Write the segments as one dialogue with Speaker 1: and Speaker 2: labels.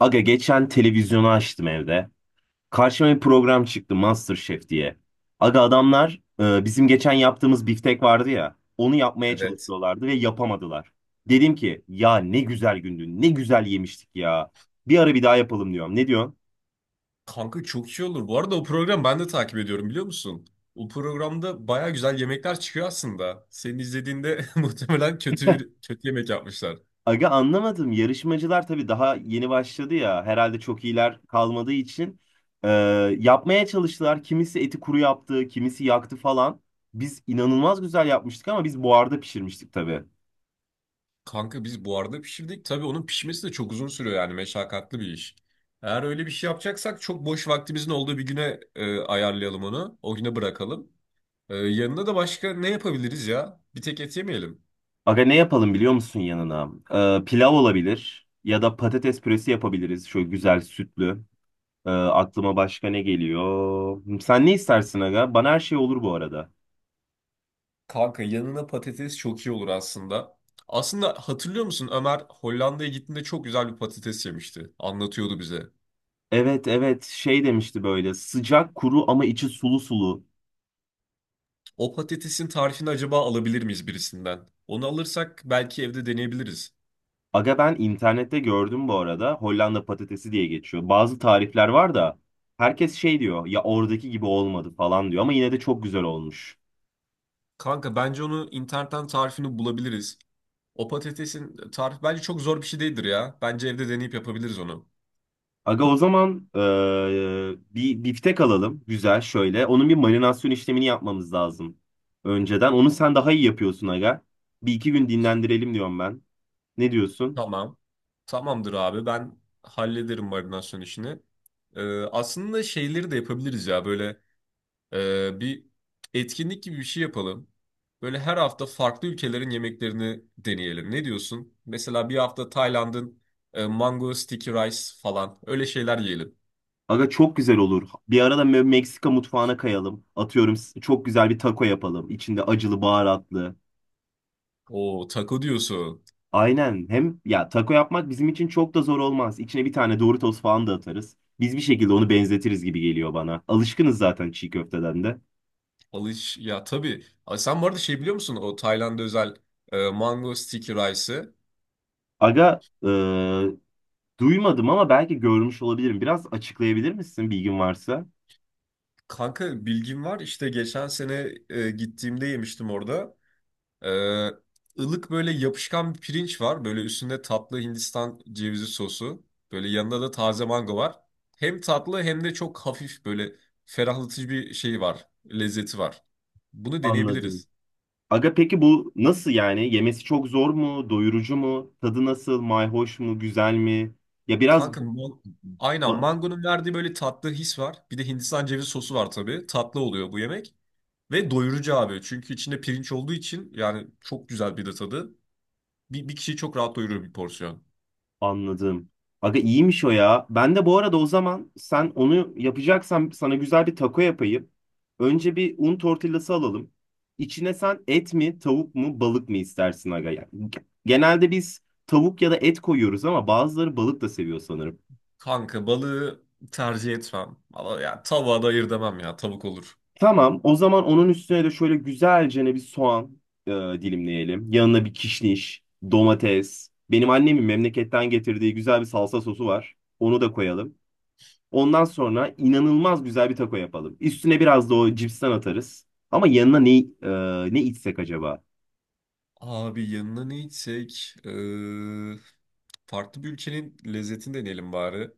Speaker 1: Aga geçen televizyonu açtım evde. Karşıma bir program çıktı MasterChef diye. Aga adamlar bizim geçen yaptığımız biftek vardı ya. Onu yapmaya
Speaker 2: Evet.
Speaker 1: çalışıyorlardı ve yapamadılar. Dedim ki ya ne güzel gündü, ne güzel yemiştik ya. Bir ara bir daha yapalım diyorum. Ne diyorsun?
Speaker 2: Kanka çok iyi olur. Bu arada o program ben de takip ediyorum biliyor musun? O programda baya güzel yemekler çıkıyor aslında. Senin izlediğinde muhtemelen kötü yemek yapmışlar.
Speaker 1: Aga anlamadım. Yarışmacılar tabii daha yeni başladı ya. Herhalde çok iyiler kalmadığı için e, yapmaya çalıştılar. Kimisi eti kuru yaptı, kimisi yaktı falan. Biz inanılmaz güzel yapmıştık ama biz buharda pişirmiştik tabii.
Speaker 2: Kanka biz buharda pişirdik. Tabii onun pişmesi de çok uzun sürüyor yani meşakkatli bir iş. Eğer öyle bir şey yapacaksak çok boş vaktimizin olduğu bir güne ayarlayalım onu. O güne bırakalım. Yanına da başka ne yapabiliriz ya? Bir tek et yemeyelim.
Speaker 1: Aga ne yapalım biliyor musun yanına? Pilav olabilir ya da patates püresi yapabiliriz. Şöyle güzel sütlü. Aklıma başka ne geliyor? Sen ne istersin aga? Bana her şey olur bu arada.
Speaker 2: Kanka yanına patates çok iyi olur aslında. Aslında hatırlıyor musun, Ömer Hollanda'ya gittiğinde çok güzel bir patates yemişti. Anlatıyordu bize.
Speaker 1: Evet evet şey demişti böyle sıcak kuru ama içi sulu sulu.
Speaker 2: O patatesin tarifini acaba alabilir miyiz birisinden? Onu alırsak belki evde deneyebiliriz.
Speaker 1: Aga ben internette gördüm bu arada Hollanda patatesi diye geçiyor. Bazı tarifler var da herkes şey diyor ya oradaki gibi olmadı falan diyor ama yine de çok güzel olmuş.
Speaker 2: Kanka bence onu internetten tarifini bulabiliriz. O patatesin tarifi bence çok zor bir şey değildir ya. Bence evde deneyip yapabiliriz onu.
Speaker 1: Aga o zaman bir biftek alalım güzel şöyle. Onun bir marinasyon işlemini yapmamız lazım önceden. Onu sen daha iyi yapıyorsun aga. Bir iki gün dinlendirelim diyorum ben. Ne diyorsun?
Speaker 2: Tamam. Tamamdır abi, ben hallederim marinasyon işini. Aslında şeyleri de yapabiliriz ya, böyle bir etkinlik gibi bir şey yapalım. Böyle her hafta farklı ülkelerin yemeklerini deneyelim. Ne diyorsun? Mesela bir hafta Tayland'ın mango sticky rice falan, öyle şeyler yiyelim.
Speaker 1: Aga çok güzel olur. Bir arada Meksika mutfağına kayalım. Atıyorum çok güzel bir taco yapalım. İçinde acılı baharatlı.
Speaker 2: O taco diyorsun.
Speaker 1: Aynen. Hem ya taco yapmak bizim için çok da zor olmaz. İçine bir tane Doritos falan da atarız. Biz bir şekilde onu benzetiriz gibi geliyor bana. Alışkınız zaten çiğ köfteden de.
Speaker 2: Alış ya tabii. Ay, sen bu arada şey biliyor musun? O Tayland'a özel mango sticky rice'ı.
Speaker 1: Aga, duymadım ama belki görmüş olabilirim. Biraz açıklayabilir misin bilgin varsa?
Speaker 2: Kanka bilgim var. İşte geçen sene gittiğimde yemiştim orada. Ee, ılık böyle yapışkan bir pirinç var. Böyle üstünde tatlı Hindistan cevizi sosu. Böyle yanında da taze mango var. Hem tatlı hem de çok hafif, böyle ferahlatıcı bir şey var. Lezzeti var. Bunu
Speaker 1: Anladım.
Speaker 2: deneyebiliriz.
Speaker 1: Aga peki bu nasıl yani? Yemesi çok zor mu? Doyurucu mu? Tadı nasıl? Mayhoş mu? Güzel mi? Ya biraz
Speaker 2: Kanka man- aynen,
Speaker 1: ba-
Speaker 2: mangonun verdiği böyle tatlı his var. Bir de Hindistan cevizi sosu var tabii. Tatlı oluyor bu yemek. Ve doyurucu abi. Çünkü içinde pirinç olduğu için yani çok güzel bir de tadı. Bir kişiyi çok rahat doyurur bir porsiyon.
Speaker 1: anladım. Aga iyiymiş o ya. Ben de bu arada o zaman sen onu yapacaksan sana güzel bir taco yapayım. Önce bir un tortillası alalım. İçine sen et mi, tavuk mu, balık mı istersin aga? Yani genelde biz tavuk ya da et koyuyoruz ama bazıları balık da seviyor sanırım.
Speaker 2: Kanka balığı tercih etmem. Ama ya tavuğa da ayır demem ya. Tavuk olur.
Speaker 1: Tamam, o zaman onun üstüne de şöyle güzelce bir soğan dilimleyelim. Yanına bir kişniş, domates. Benim annemin memleketten getirdiği güzel bir salsa sosu var. Onu da koyalım. Ondan sonra inanılmaz güzel bir taco yapalım. Üstüne biraz da o cipsten atarız. Ama yanına ne içsek acaba?
Speaker 2: Abi yanına ne içsek? Farklı bir ülkenin lezzetini deneyelim bari.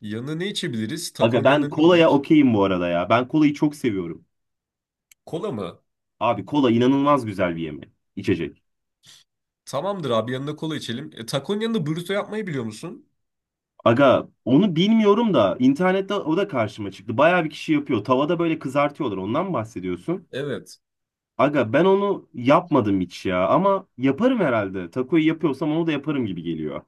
Speaker 2: Yanına ne içebiliriz?
Speaker 1: Aga
Speaker 2: Takon
Speaker 1: ben
Speaker 2: yanına ne
Speaker 1: kolaya
Speaker 2: gider?
Speaker 1: okeyim bu arada ya. Ben kolayı çok seviyorum.
Speaker 2: Kola mı?
Speaker 1: Abi kola inanılmaz güzel bir içecek.
Speaker 2: Tamamdır abi, yanına kola içelim. E, takon yanında burrito yapmayı biliyor musun?
Speaker 1: Aga onu bilmiyorum da internette o da karşıma çıktı. Bayağı bir kişi yapıyor. Tavada böyle kızartıyorlar. Ondan mı bahsediyorsun?
Speaker 2: Evet.
Speaker 1: Aga ben onu yapmadım hiç ya ama yaparım herhalde. Takoyu yapıyorsam onu da yaparım gibi geliyor.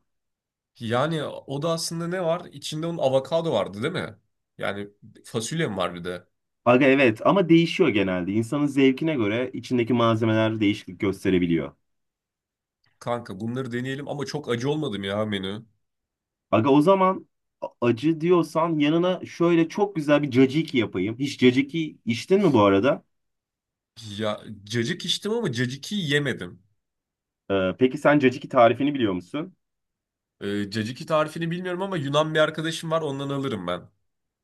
Speaker 2: Yani o da aslında ne var? İçinde onun avokado vardı değil mi? Yani fasulye mi var bir de?
Speaker 1: Aga evet ama değişiyor genelde. İnsanın zevkine göre içindeki malzemeler değişiklik gösterebiliyor.
Speaker 2: Kanka bunları deneyelim ama çok acı olmadım ya menü.
Speaker 1: Aga o zaman acı diyorsan yanına şöyle çok güzel bir caciki yapayım. Hiç caciki içtin mi bu arada?
Speaker 2: Ya cacık içtim ama cacık yemedim.
Speaker 1: Peki sen caciki tarifini biliyor musun?
Speaker 2: Caciki tarifini bilmiyorum ama Yunan bir arkadaşım var, ondan alırım ben.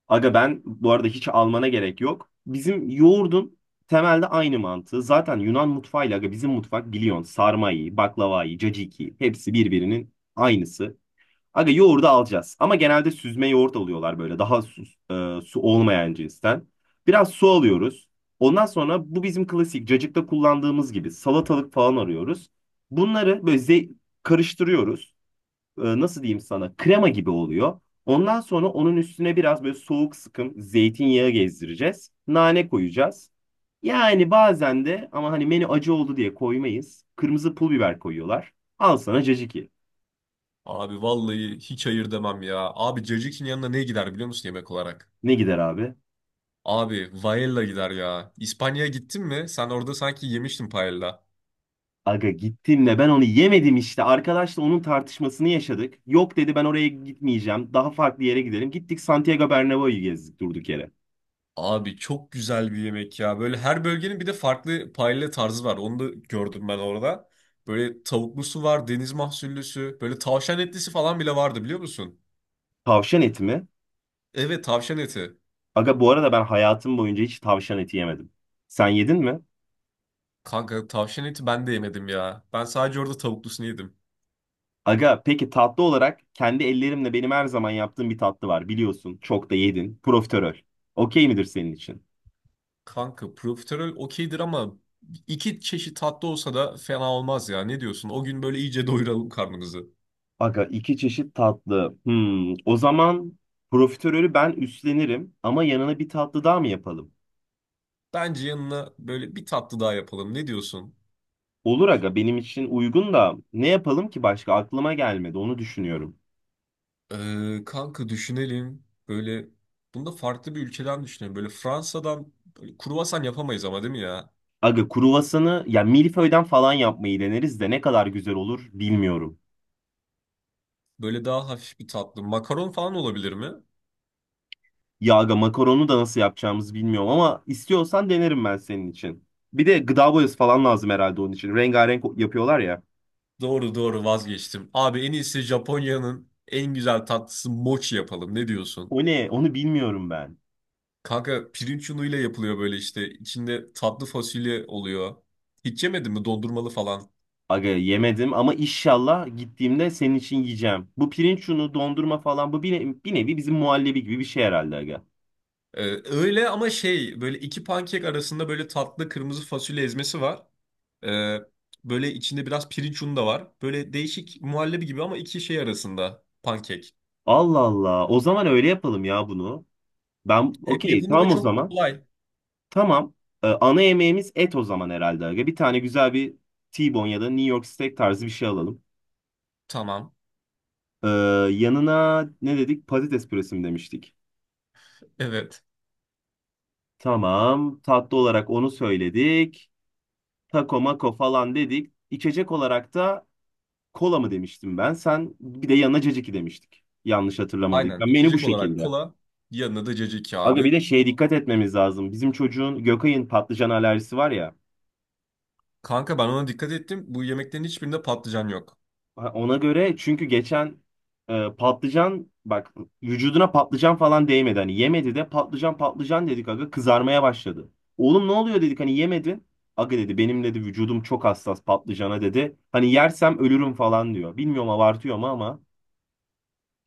Speaker 1: Aga ben bu arada hiç almana gerek yok. Bizim yoğurdun temelde aynı mantığı. Zaten Yunan mutfağıyla aga bizim mutfak biliyorsun sarmayı, baklavayı, caciki hepsi birbirinin aynısı. Aga yoğurdu alacağız ama genelde süzme yoğurt alıyorlar böyle daha su olmayan cinsten. Biraz su alıyoruz. Ondan sonra bu bizim klasik cacıkta kullandığımız gibi salatalık falan arıyoruz. Bunları böyle karıştırıyoruz, nasıl diyeyim sana krema gibi oluyor. Ondan sonra onun üstüne biraz böyle soğuk sıkım zeytinyağı gezdireceğiz. Nane koyacağız. Yani bazen de ama hani menü acı oldu diye koymayız. Kırmızı pul biber koyuyorlar. Al sana caciki.
Speaker 2: Abi vallahi hiç hayır demem ya. Abi cacikinin yanına ne gider biliyor musun yemek olarak?
Speaker 1: Ne gider abi?
Speaker 2: Abi paella gider ya. İspanya'ya gittin mi? Sen orada sanki yemiştin paella.
Speaker 1: Aga gittim de ben onu yemedim işte. Arkadaşla onun tartışmasını yaşadık. Yok dedi ben oraya gitmeyeceğim. Daha farklı yere gidelim. Gittik Santiago Bernabéu'yu gezdik durduk yere.
Speaker 2: Abi çok güzel bir yemek ya. Böyle her bölgenin bir de farklı paella tarzı var. Onu da gördüm ben orada. Böyle tavuklusu var, deniz mahsullüsü. Böyle tavşan etlisi falan bile vardı, biliyor musun?
Speaker 1: Tavşan eti mi?
Speaker 2: Evet, tavşan eti.
Speaker 1: Aga bu arada ben hayatım boyunca hiç tavşan eti yemedim. Sen yedin mi?
Speaker 2: Kanka tavşan eti ben de yemedim ya. Ben sadece orada tavuklusunu yedim.
Speaker 1: Aga peki tatlı olarak kendi ellerimle benim her zaman yaptığım bir tatlı var biliyorsun. Çok da yedin. Profiterol. Okey midir senin için?
Speaker 2: Kanka profiterol okeydir ama iki çeşit tatlı olsa da fena olmaz ya. Ne diyorsun? O gün böyle iyice doyuralım karnımızı.
Speaker 1: Aga iki çeşit tatlı. Hmm, o zaman profiterolü ben üstlenirim ama yanına bir tatlı daha mı yapalım?
Speaker 2: Bence yanına böyle bir tatlı daha yapalım. Ne diyorsun?
Speaker 1: Olur aga benim için uygun da ne yapalım ki başka aklıma gelmedi onu düşünüyorum.
Speaker 2: Kanka düşünelim. Böyle bunu da farklı bir ülkeden düşünelim. Böyle Fransa'dan böyle kruvasan yapamayız ama değil mi ya?
Speaker 1: Aga kruvasanı ya milföyden falan yapmayı deneriz de ne kadar güzel olur bilmiyorum.
Speaker 2: Böyle daha hafif bir tatlı. Makaron falan olabilir mi?
Speaker 1: Ya aga makaronu da nasıl yapacağımızı bilmiyorum ama istiyorsan denerim ben senin için. Bir de gıda boyası falan lazım herhalde onun için. Rengarenk yapıyorlar ya.
Speaker 2: Doğru, vazgeçtim. Abi en iyisi Japonya'nın en güzel tatlısı mochi yapalım. Ne diyorsun?
Speaker 1: O ne? Onu bilmiyorum ben.
Speaker 2: Kanka pirinç unuyla yapılıyor böyle işte. İçinde tatlı fasulye oluyor. Hiç yemedin mi dondurmalı falan?
Speaker 1: Aga yemedim ama inşallah gittiğimde senin için yiyeceğim. Bu pirinç unu, dondurma falan bu bir, bir nevi bizim muhallebi gibi bir şey herhalde aga.
Speaker 2: Ee, Öyle ama şey, böyle iki pankek arasında böyle tatlı kırmızı fasulye ezmesi var. Ee, Böyle içinde biraz pirinç unu da var. Böyle değişik muhallebi gibi ama iki şey arasında pankek.
Speaker 1: Allah Allah. O zaman öyle yapalım ya bunu. Ben
Speaker 2: Hem
Speaker 1: okey
Speaker 2: yapımı da
Speaker 1: tamam o
Speaker 2: çok
Speaker 1: zaman.
Speaker 2: kolay.
Speaker 1: Tamam. Ana yemeğimiz et o zaman herhalde aga. Bir tane güzel bir T-bone ya da New York steak tarzı bir şey alalım.
Speaker 2: Tamam.
Speaker 1: Ee, Yanına ne dedik? Patates püresi mi demiştik?
Speaker 2: Evet.
Speaker 1: Tamam. Tatlı olarak onu söyledik. Taco mako falan dedik. İçecek olarak da kola mı demiştim ben? Sen bir de yanına caciki demiştik. Yanlış
Speaker 2: Aynen.
Speaker 1: hatırlamadıysam. Menü bu
Speaker 2: İçecek olarak
Speaker 1: şekilde.
Speaker 2: kola. Yanına da caciki
Speaker 1: Aga bir
Speaker 2: abi.
Speaker 1: de şeye dikkat etmemiz lazım. Bizim çocuğun Gökay'ın patlıcan alerjisi var ya.
Speaker 2: Kanka ben ona dikkat ettim. Bu yemeklerin hiçbirinde patlıcan yok.
Speaker 1: Ha, ona göre çünkü geçen patlıcan bak vücuduna patlıcan falan değmedi. Hani yemedi de patlıcan patlıcan dedik aga kızarmaya başladı. Oğlum ne oluyor dedik hani yemedin. Aga dedi benim dedi vücudum çok hassas patlıcana dedi. Hani yersem ölürüm falan diyor. Bilmiyorum abartıyor mu ama.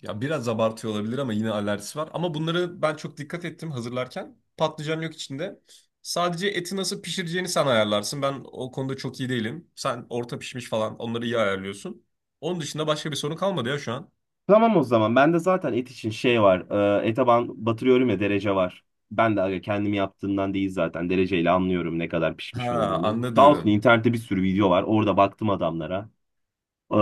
Speaker 2: Ya biraz abartıyor olabilir ama yine alerjisi var. Ama bunları ben çok dikkat ettim hazırlarken. Patlıcan yok içinde. Sadece eti nasıl pişireceğini sen ayarlarsın. Ben o konuda çok iyi değilim. Sen orta pişmiş falan onları iyi ayarlıyorsun. Onun dışında başka bir sorun kalmadı ya şu an.
Speaker 1: Tamam o zaman ben de zaten et için şey var. E, ete ben batırıyorum ya derece var. Ben de aga kendim yaptığımdan değil zaten dereceyle anlıyorum ne kadar pişmiş
Speaker 2: Ha,
Speaker 1: olduğunu. Sağ olsun
Speaker 2: anladım.
Speaker 1: internette bir sürü video var. Orada baktım adamlara. Ee,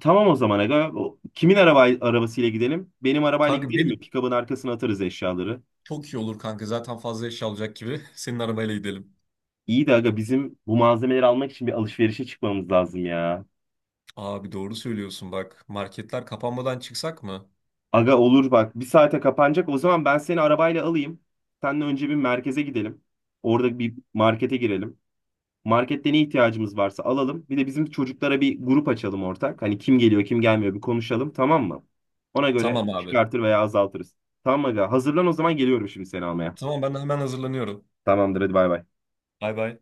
Speaker 1: tamam o zaman aga. Kimin arabasıyla gidelim? Benim arabayla
Speaker 2: Kanka
Speaker 1: gidelim mi?
Speaker 2: benim
Speaker 1: Pikabın arkasına atarız eşyaları.
Speaker 2: çok iyi olur kanka. Zaten fazla eşya alacak gibi. Senin arabayla gidelim.
Speaker 1: İyi de aga bizim bu malzemeleri almak için bir alışverişe çıkmamız lazım ya.
Speaker 2: Abi doğru söylüyorsun bak. Marketler kapanmadan çıksak mı?
Speaker 1: Aga olur bak bir saate kapanacak. O zaman ben seni arabayla alayım. Seninle önce bir merkeze gidelim. Orada bir markete girelim. Markette ne ihtiyacımız varsa alalım. Bir de bizim çocuklara bir grup açalım ortak. Hani kim geliyor kim gelmiyor bir konuşalım tamam mı? Ona göre
Speaker 2: Tamam abi.
Speaker 1: çıkartır veya azaltırız. Tamam aga hazırlan o zaman geliyorum şimdi seni almaya.
Speaker 2: Tamam ben hemen hazırlanıyorum.
Speaker 1: Tamamdır hadi bay bay.
Speaker 2: Bay bay.